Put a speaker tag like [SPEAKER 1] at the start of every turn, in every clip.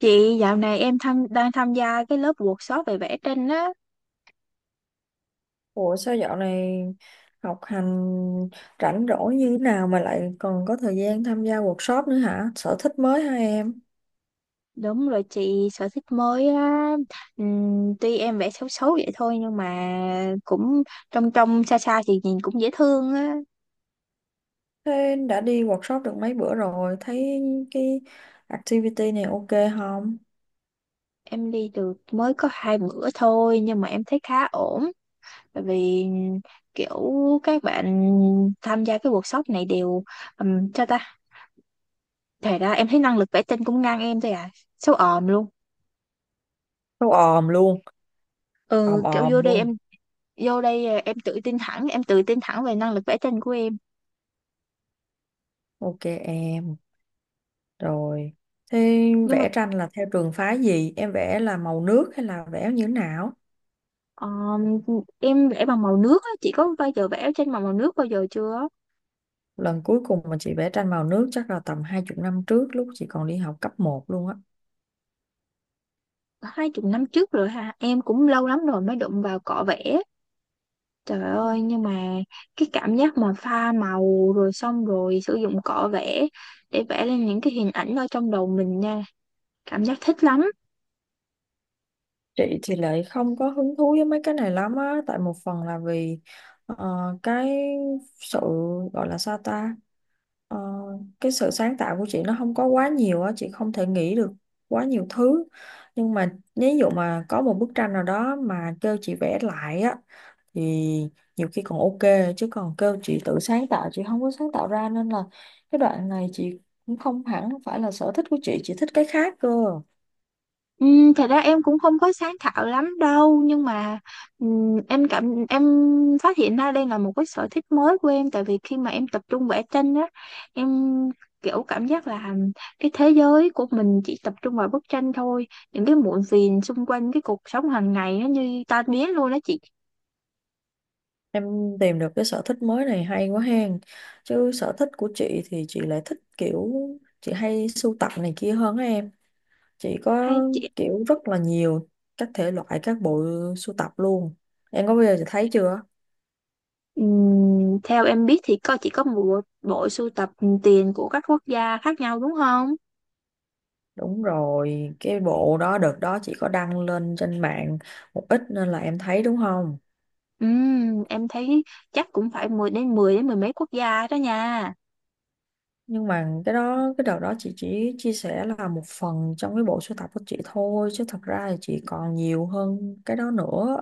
[SPEAKER 1] Chị dạo này em tham, đang tham gia cái lớp workshop về vẽ tranh á.
[SPEAKER 2] Ủa sao dạo này học hành rảnh rỗi như thế nào mà lại còn có thời gian tham gia workshop nữa hả? Sở thích mới hả em?
[SPEAKER 1] Đúng rồi chị, sở thích mới á. Tuy em vẽ xấu xấu vậy thôi nhưng mà cũng trong trong xa xa thì nhìn cũng dễ thương á.
[SPEAKER 2] Thế đã đi workshop được mấy bữa rồi, thấy cái activity này ok không?
[SPEAKER 1] Em đi được mới có hai bữa thôi nhưng mà em thấy khá ổn. Bởi vì kiểu các bạn tham gia cái workshop này đều cho ta. Thật ra em thấy năng lực vẽ tranh cũng ngang em thôi à. Xấu òm luôn.
[SPEAKER 2] Đâu òm luôn, òm
[SPEAKER 1] Ừ, kiểu
[SPEAKER 2] òm
[SPEAKER 1] vô đây
[SPEAKER 2] luôn.
[SPEAKER 1] em tự tin thẳng về năng lực vẽ tranh của em,
[SPEAKER 2] Ok em, rồi. Thế
[SPEAKER 1] nhưng mà
[SPEAKER 2] vẽ tranh là theo trường phái gì? Em vẽ là màu nước hay là vẽ như thế nào?
[SPEAKER 1] ờ, em vẽ bằng màu nước á. Chị có bao giờ vẽ tranh bằng màu nước bao giờ chưa?
[SPEAKER 2] Lần cuối cùng mà chị vẽ tranh màu nước chắc là tầm hai chục năm trước lúc chị còn đi học cấp một luôn á.
[SPEAKER 1] Hai chục năm trước rồi hả? Em cũng lâu lắm rồi mới đụng vào cọ vẽ. Trời ơi, nhưng mà cái cảm giác mà pha màu rồi xong rồi sử dụng cọ vẽ để vẽ lên những cái hình ảnh ở trong đầu mình nha, cảm giác thích lắm.
[SPEAKER 2] Chị thì lại không có hứng thú với mấy cái này lắm á, tại một phần là vì ờ, cái sự gọi là sao ta, Ờ, cái sự sáng tạo của chị nó không có quá nhiều á, chị không thể nghĩ được quá nhiều thứ. Nhưng mà ví dụ mà có một bức tranh nào đó mà kêu chị vẽ lại á, thì nhiều khi còn ok, chứ còn kêu chị tự sáng tạo, chị không có sáng tạo ra nên là cái đoạn này chị cũng không hẳn phải là sở thích của chị thích cái khác cơ.
[SPEAKER 1] Ừ, thật ra em cũng không có sáng tạo lắm đâu, nhưng mà em cảm em phát hiện ra đây là một cái sở thích mới của em. Tại vì khi mà em tập trung vẽ tranh á, em kiểu cảm giác là cái thế giới của mình chỉ tập trung vào bức tranh thôi, những cái muộn phiền xung quanh cái cuộc sống hàng ngày nó như tan biến luôn đó chị.
[SPEAKER 2] Em tìm được cái sở thích mới này hay quá hen. Chứ sở thích của chị thì chị lại thích kiểu chị hay sưu tập này kia hơn á em. Chị có
[SPEAKER 1] Hay chị,
[SPEAKER 2] kiểu rất là nhiều các thể loại, các bộ sưu tập luôn. Em có bao giờ chị thấy chưa?
[SPEAKER 1] theo em biết thì có chỉ có một bộ sưu tập tiền của các quốc gia khác nhau đúng không?
[SPEAKER 2] Đúng rồi, cái bộ đó đợt đó chị có đăng lên trên mạng một ít nên là em thấy đúng không?
[SPEAKER 1] Em thấy chắc cũng phải mười mấy quốc gia đó nha.
[SPEAKER 2] Nhưng mà cái đó cái đợt đó chị chỉ chia sẻ là một phần trong cái bộ sưu tập của chị thôi chứ thật ra thì chị còn nhiều hơn cái đó nữa.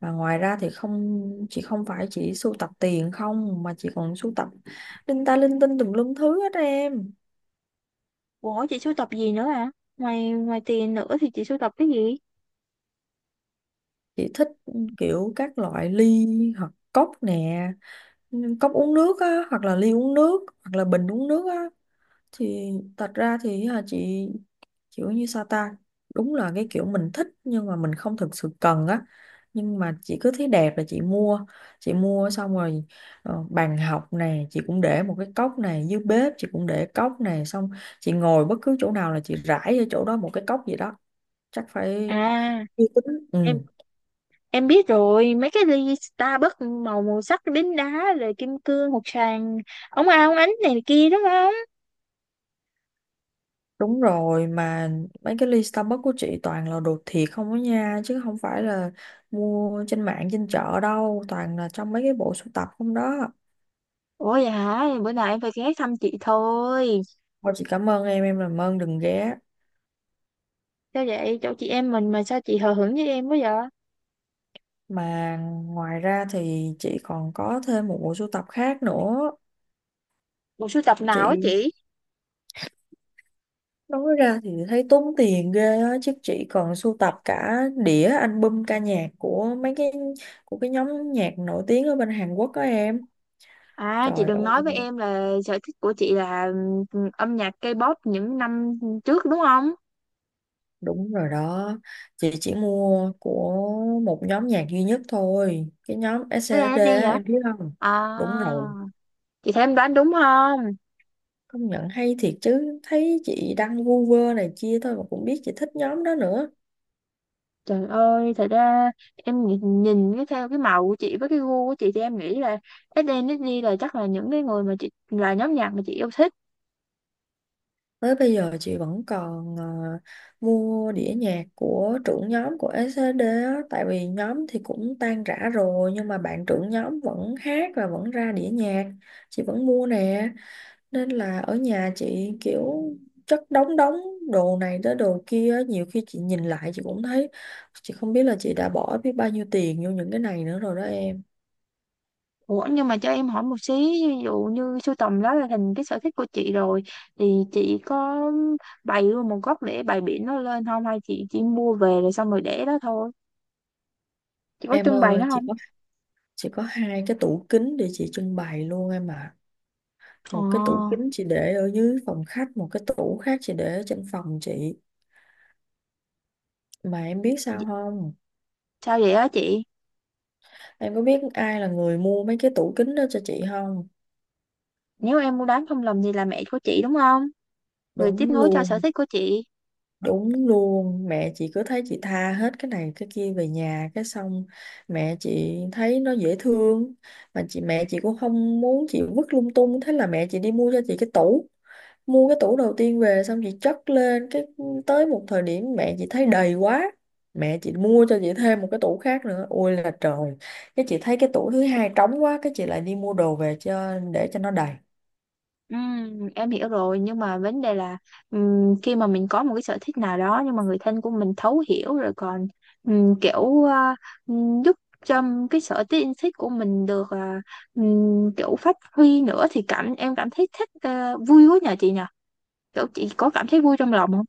[SPEAKER 2] Và ngoài ra thì không, chị không phải chỉ sưu tập tiền không mà chị còn sưu tập linh ta linh tinh tùm lum thứ hết em.
[SPEAKER 1] Ủa chị sưu tập gì nữa à? Ngoài ngoài tiền nữa thì chị sưu tập cái gì?
[SPEAKER 2] Chị thích kiểu các loại ly hoặc cốc nè, cốc uống nước á, hoặc là ly uống nước, hoặc là bình uống nước á. Thì thật ra thì à, chị kiểu như sao ta, đúng là cái kiểu mình thích nhưng mà mình không thực sự cần á, nhưng mà chị cứ thấy đẹp là chị mua. Chị mua xong rồi bàn học này chị cũng để một cái cốc, này dưới bếp chị cũng để cốc, này xong chị ngồi bất cứ chỗ nào là chị rải ở chỗ đó một cái cốc gì đó. Chắc phải
[SPEAKER 1] À,
[SPEAKER 2] uy tín ừ.
[SPEAKER 1] em em biết rồi, mấy cái ly Starbucks màu màu sắc đính đá rồi kim cương, hột xoàn, ống ao ống ánh này kia đúng không?
[SPEAKER 2] Đúng rồi, mà mấy cái ly Starbucks của chị toàn là đồ thiệt không á nha, chứ không phải là mua trên mạng trên chợ đâu, toàn là trong mấy cái bộ sưu tập không đó.
[SPEAKER 1] Ủa vậy hả? Bữa nào em phải ghé thăm chị thôi.
[SPEAKER 2] Thôi chị cảm ơn em làm ơn đừng ghé.
[SPEAKER 1] Sao vậy? Chỗ chị em mình mà sao chị hờ hững với em quá vậy?
[SPEAKER 2] Mà ngoài ra thì chị còn có thêm một bộ sưu tập khác nữa.
[SPEAKER 1] Bộ sưu tập nào á
[SPEAKER 2] Chị
[SPEAKER 1] chị?
[SPEAKER 2] nói ra thì thấy tốn tiền ghê á, chứ chị còn sưu tập cả đĩa album ca nhạc của mấy cái, của cái nhóm nhạc nổi tiếng ở bên Hàn Quốc đó em.
[SPEAKER 1] À chị
[SPEAKER 2] Trời ơi.
[SPEAKER 1] đừng nói với em là sở thích của chị là âm nhạc K-pop những năm trước đúng không?
[SPEAKER 2] Đúng rồi đó, chị chỉ mua của một nhóm nhạc duy nhất thôi, cái nhóm
[SPEAKER 1] Thế là nó
[SPEAKER 2] SNSD
[SPEAKER 1] đi
[SPEAKER 2] á,
[SPEAKER 1] hả?
[SPEAKER 2] em biết không? Đúng
[SPEAKER 1] À
[SPEAKER 2] rồi,
[SPEAKER 1] chị thấy em đoán đúng không?
[SPEAKER 2] công nhận hay thiệt chứ, thấy chị đăng vu vơ này kia thôi mà cũng biết chị thích nhóm đó nữa.
[SPEAKER 1] Trời ơi, thật ra em nhìn cái theo cái màu của chị với cái gu của chị thì em nghĩ là SNSD là chắc là những cái người mà chị, là nhóm nhạc mà chị yêu thích.
[SPEAKER 2] Tới bây giờ chị vẫn còn mua đĩa nhạc của trưởng nhóm của SNSD á, tại vì nhóm thì cũng tan rã rồi nhưng mà bạn trưởng nhóm vẫn hát và vẫn ra đĩa nhạc, chị vẫn mua nè. Nên là ở nhà chị kiểu chất đống, đống đồ này tới đồ kia á, nhiều khi chị nhìn lại chị cũng thấy chị không biết là chị đã bỏ biết bao nhiêu tiền vô những cái này nữa rồi đó em.
[SPEAKER 1] Ủa nhưng mà cho em hỏi một xí, ví dụ như sưu tầm đó là thành cái sở thích của chị rồi, thì chị có bày luôn một góc để bày biển nó lên không, hay chị chỉ mua về rồi xong rồi để đó thôi? Chị có
[SPEAKER 2] Em
[SPEAKER 1] trưng bày
[SPEAKER 2] ơi
[SPEAKER 1] nó
[SPEAKER 2] chị
[SPEAKER 1] không?
[SPEAKER 2] có, chị có hai cái tủ kính để chị trưng bày luôn em ạ.
[SPEAKER 1] Ồ,
[SPEAKER 2] Một cái tủ kính chị để ở dưới phòng khách, một cái tủ khác chị để ở trên phòng chị. Mà em biết sao không,
[SPEAKER 1] sao vậy á chị?
[SPEAKER 2] em có biết ai là người mua mấy cái tủ kính đó cho chị không?
[SPEAKER 1] Nếu em mua bán không lầm thì là mẹ của chị đúng không? Người tiếp
[SPEAKER 2] Đúng
[SPEAKER 1] nối cho sở
[SPEAKER 2] luôn.
[SPEAKER 1] thích của chị.
[SPEAKER 2] Đúng luôn, mẹ chị cứ thấy chị tha hết cái này cái kia về nhà, cái xong mẹ chị thấy nó dễ thương, mà mẹ chị cũng không muốn chị vứt lung tung, thế là mẹ chị đi mua cho chị cái tủ. Mua cái tủ đầu tiên về xong chị chất lên, cái tới một thời điểm mẹ chị thấy đầy quá, mẹ chị mua cho chị thêm một cái tủ khác nữa. Ôi là trời, cái chị thấy cái tủ thứ hai trống quá, cái chị lại đi mua đồ về cho, để cho nó đầy.
[SPEAKER 1] Em hiểu rồi, nhưng mà vấn đề là khi mà mình có một cái sở thích nào đó nhưng mà người thân của mình thấu hiểu rồi còn ừm, kiểu à, giúp cho cái sở thích yêu thích của mình được kiểu phát huy nữa thì cảm thấy thích, à, vui quá. Nhờ chị nhờ kiểu chị có cảm thấy vui trong lòng không?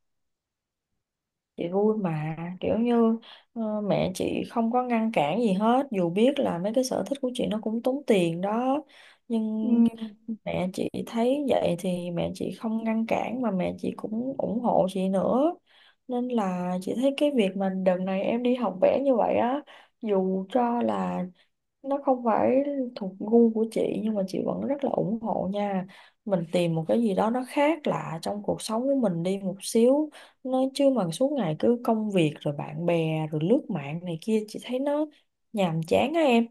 [SPEAKER 2] Chị vui mà, kiểu như mẹ chị không có ngăn cản gì hết dù biết là mấy cái sở thích của chị nó cũng tốn tiền đó, nhưng
[SPEAKER 1] Ừm.
[SPEAKER 2] mẹ chị thấy vậy thì mẹ chị không ngăn cản mà mẹ chị cũng ủng hộ chị nữa. Nên là chị thấy cái việc mà đợt này em đi học vẽ như vậy á, dù cho là nó không phải thuộc gu của chị nhưng mà chị vẫn rất là ủng hộ nha. Mình tìm một cái gì đó nó khác lạ trong cuộc sống của mình đi một xíu, nó chứ mà suốt ngày cứ công việc rồi bạn bè rồi lướt mạng này kia chị thấy nó nhàm chán á em.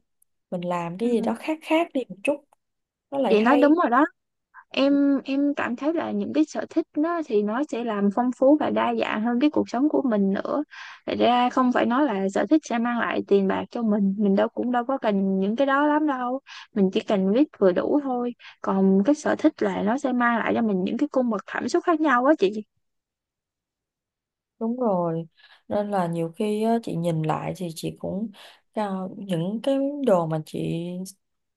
[SPEAKER 2] Mình làm cái gì
[SPEAKER 1] Ừm,
[SPEAKER 2] đó khác khác đi một chút nó lại
[SPEAKER 1] chị nói đúng
[SPEAKER 2] hay.
[SPEAKER 1] rồi đó. Em cảm thấy là những cái sở thích nó thì nó sẽ làm phong phú và đa dạng hơn cái cuộc sống của mình nữa. Thật ra không phải nói là sở thích sẽ mang lại tiền bạc cho mình. Mình đâu cũng đâu có cần những cái đó lắm đâu, mình chỉ cần biết vừa đủ thôi. Còn cái sở thích là nó sẽ mang lại cho mình những cái cung bậc cảm xúc khác nhau á chị.
[SPEAKER 2] Đúng rồi, nên là nhiều khi á, chị nhìn lại thì chị cũng à, những cái đồ mà chị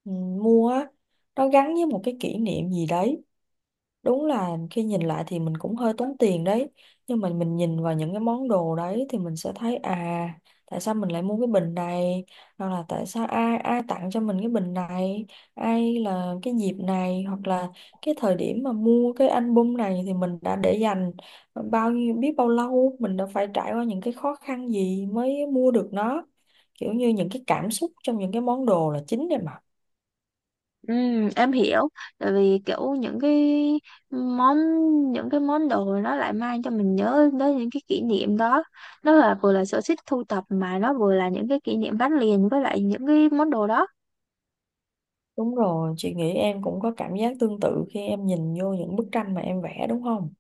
[SPEAKER 2] mua á, nó gắn với một cái kỷ niệm gì đấy. Đúng là khi nhìn lại thì mình cũng hơi tốn tiền đấy, nhưng mà mình nhìn vào những cái món đồ đấy thì mình sẽ thấy à, tại sao mình lại mua cái bình này, hoặc là tại sao ai ai tặng cho mình cái bình này, ai là cái dịp này, hoặc là cái thời điểm mà mua cái album này, thì mình đã để dành bao nhiêu, biết bao lâu, mình đã phải trải qua những cái khó khăn gì mới mua được nó. Kiểu như những cái cảm xúc trong những cái món đồ là chính đấy mà.
[SPEAKER 1] Ừ, em hiểu, tại vì kiểu món những cái món đồ nó lại mang cho mình nhớ đến những cái kỷ niệm đó. Nó là vừa là sở thích thu tập mà nó vừa là những cái kỷ niệm gắn liền với lại những cái món đồ đó.
[SPEAKER 2] Đúng rồi, chị nghĩ em cũng có cảm giác tương tự khi em nhìn vô những bức tranh mà em vẽ đúng không?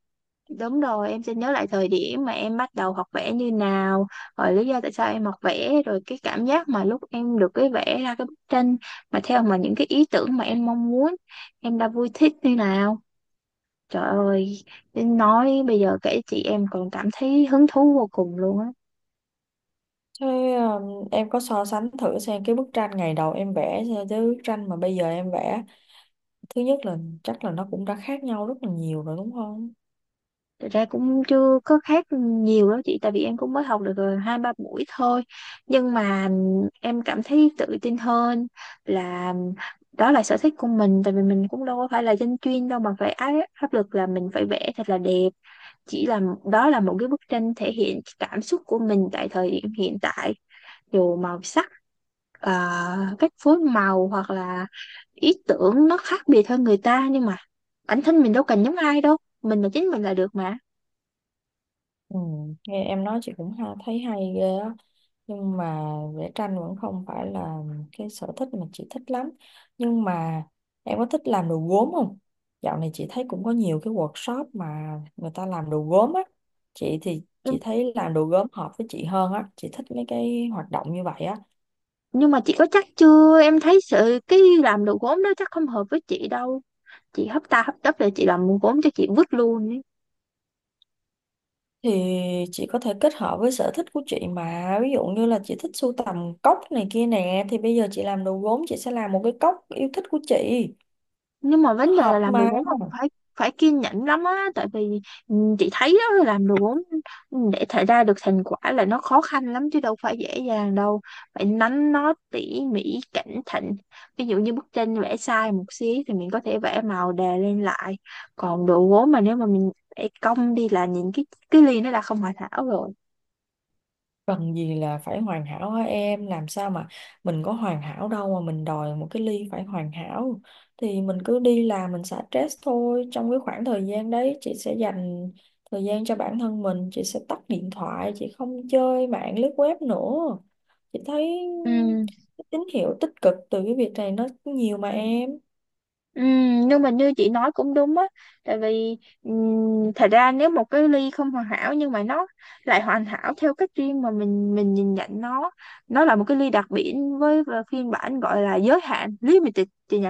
[SPEAKER 1] Đúng rồi, em sẽ nhớ lại thời điểm mà em bắt đầu học vẽ như nào, rồi lý do tại sao em học vẽ, rồi cái cảm giác mà lúc em được cái vẽ ra cái bức tranh mà theo mà những cái ý tưởng mà em mong muốn, em đã vui thích như nào. Trời ơi, đến nói bây giờ kể chị em còn cảm thấy hứng thú vô cùng luôn á.
[SPEAKER 2] Thế em có so sánh thử xem cái bức tranh ngày đầu em vẽ so với bức tranh mà bây giờ em vẽ. Thứ nhất là chắc là nó cũng đã khác nhau rất là nhiều rồi đúng không?
[SPEAKER 1] Thật ra cũng chưa có khác nhiều đó chị, tại vì em cũng mới học được hai ba buổi thôi. Nhưng mà em cảm thấy tự tin hơn là đó là sở thích của mình, tại vì mình cũng đâu có phải là dân chuyên đâu mà phải áp áp lực là mình phải vẽ thật là đẹp. Chỉ là đó là một cái bức tranh thể hiện cảm xúc của mình tại thời điểm hiện tại, dù màu sắc, cách phối màu, hoặc là ý tưởng nó khác biệt hơn người ta, nhưng mà bản thân mình đâu cần giống ai đâu, mình là chính mình là được mà.
[SPEAKER 2] Ừ, nghe em nói chị cũng ha, thấy hay ghê á. Nhưng mà vẽ tranh vẫn không phải là cái sở thích mà chị thích lắm. Nhưng mà em có thích làm đồ gốm không? Dạo này chị thấy cũng có nhiều cái workshop mà người ta làm đồ gốm á, chị thì chị
[SPEAKER 1] nhưng,
[SPEAKER 2] thấy làm đồ gốm hợp với chị hơn á, chị thích mấy cái hoạt động như vậy á.
[SPEAKER 1] nhưng mà chị có chắc chưa? Em thấy sự cái làm đồ gốm đó chắc không hợp với chị đâu. Chị hấp tấp rồi chị làm gốm cho chị vứt luôn ấy.
[SPEAKER 2] Thì chị có thể kết hợp với sở thích của chị mà, ví dụ như là chị thích sưu tầm cốc này kia nè, thì bây giờ chị làm đồ gốm chị sẽ làm một cái cốc yêu thích của chị,
[SPEAKER 1] Nhưng mà
[SPEAKER 2] nó
[SPEAKER 1] vấn đề là
[SPEAKER 2] hợp
[SPEAKER 1] làm đồ
[SPEAKER 2] mà.
[SPEAKER 1] gốm là phải phải kiên nhẫn lắm á, tại vì ừ, chị thấy đó, làm đồ gốm ừ, để thể ra được thành quả là nó khó khăn lắm chứ đâu phải dễ dàng đâu, phải nắn nót tỉ mỉ cẩn thận. Ví dụ như bức tranh vẽ sai một xí thì mình có thể vẽ màu đè lên lại, còn đồ gốm mà nếu mà mình vẽ cong đi là nhìn cái ly nó đã không hoàn hảo rồi.
[SPEAKER 2] Cần gì là phải hoàn hảo hả em, làm sao mà mình có hoàn hảo đâu mà mình đòi một cái ly phải hoàn hảo. Thì mình cứ đi làm mình xả stress thôi, trong cái khoảng thời gian đấy chị sẽ dành thời gian cho bản thân mình, chị sẽ tắt điện thoại, chị không chơi mạng lướt web nữa. Chị thấy
[SPEAKER 1] Ừ.
[SPEAKER 2] cái tín hiệu tích cực từ cái việc này nó nhiều mà em.
[SPEAKER 1] Ừ, nhưng mà như chị nói cũng đúng á, tại vì thật ra nếu một cái ly không hoàn hảo nhưng mà nó lại hoàn hảo theo cách riêng mà mình nhìn nhận nó là một cái ly đặc biệt với và phiên bản gọi là giới hạn limited chị nhỉ.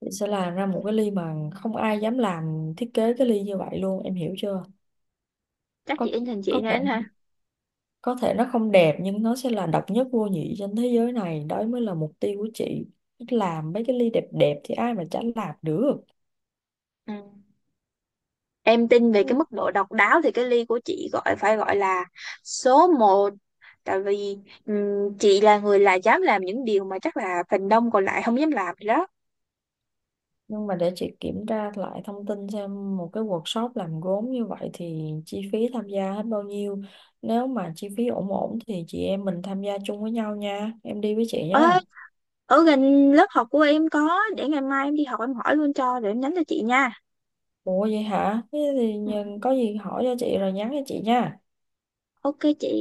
[SPEAKER 2] Chị sẽ làm ra một cái ly mà không ai dám làm, thiết kế cái ly như vậy luôn, em hiểu chưa?
[SPEAKER 1] Chắc chị
[SPEAKER 2] Có,
[SPEAKER 1] in thành chị
[SPEAKER 2] có thể,
[SPEAKER 1] này ha.
[SPEAKER 2] có thể nó không đẹp nhưng nó sẽ là độc nhất vô nhị trên thế giới này, đó mới là mục tiêu của chị. Làm mấy cái ly đẹp đẹp thì ai mà chả làm được.
[SPEAKER 1] Ừ. Em tin về
[SPEAKER 2] Ừ.
[SPEAKER 1] cái mức độ độc đáo thì cái ly của chị gọi phải gọi là số một, tại vì chị là người là dám làm những điều mà chắc là phần đông còn lại không dám làm đó.
[SPEAKER 2] Nhưng mà để chị kiểm tra lại thông tin xem một cái workshop làm gốm như vậy thì chi phí tham gia hết bao nhiêu, nếu mà chi phí ổn ổn thì chị em mình tham gia chung với nhau nha, em đi với chị
[SPEAKER 1] Ê,
[SPEAKER 2] nha.
[SPEAKER 1] ở gần lớp học của em có để ngày mai em đi học em hỏi luôn cho rồi em nhắn cho chị nha.
[SPEAKER 2] Ủa vậy hả, thế thì
[SPEAKER 1] Ừ.
[SPEAKER 2] có gì hỏi cho chị rồi nhắn cho chị nha.
[SPEAKER 1] Ok chị.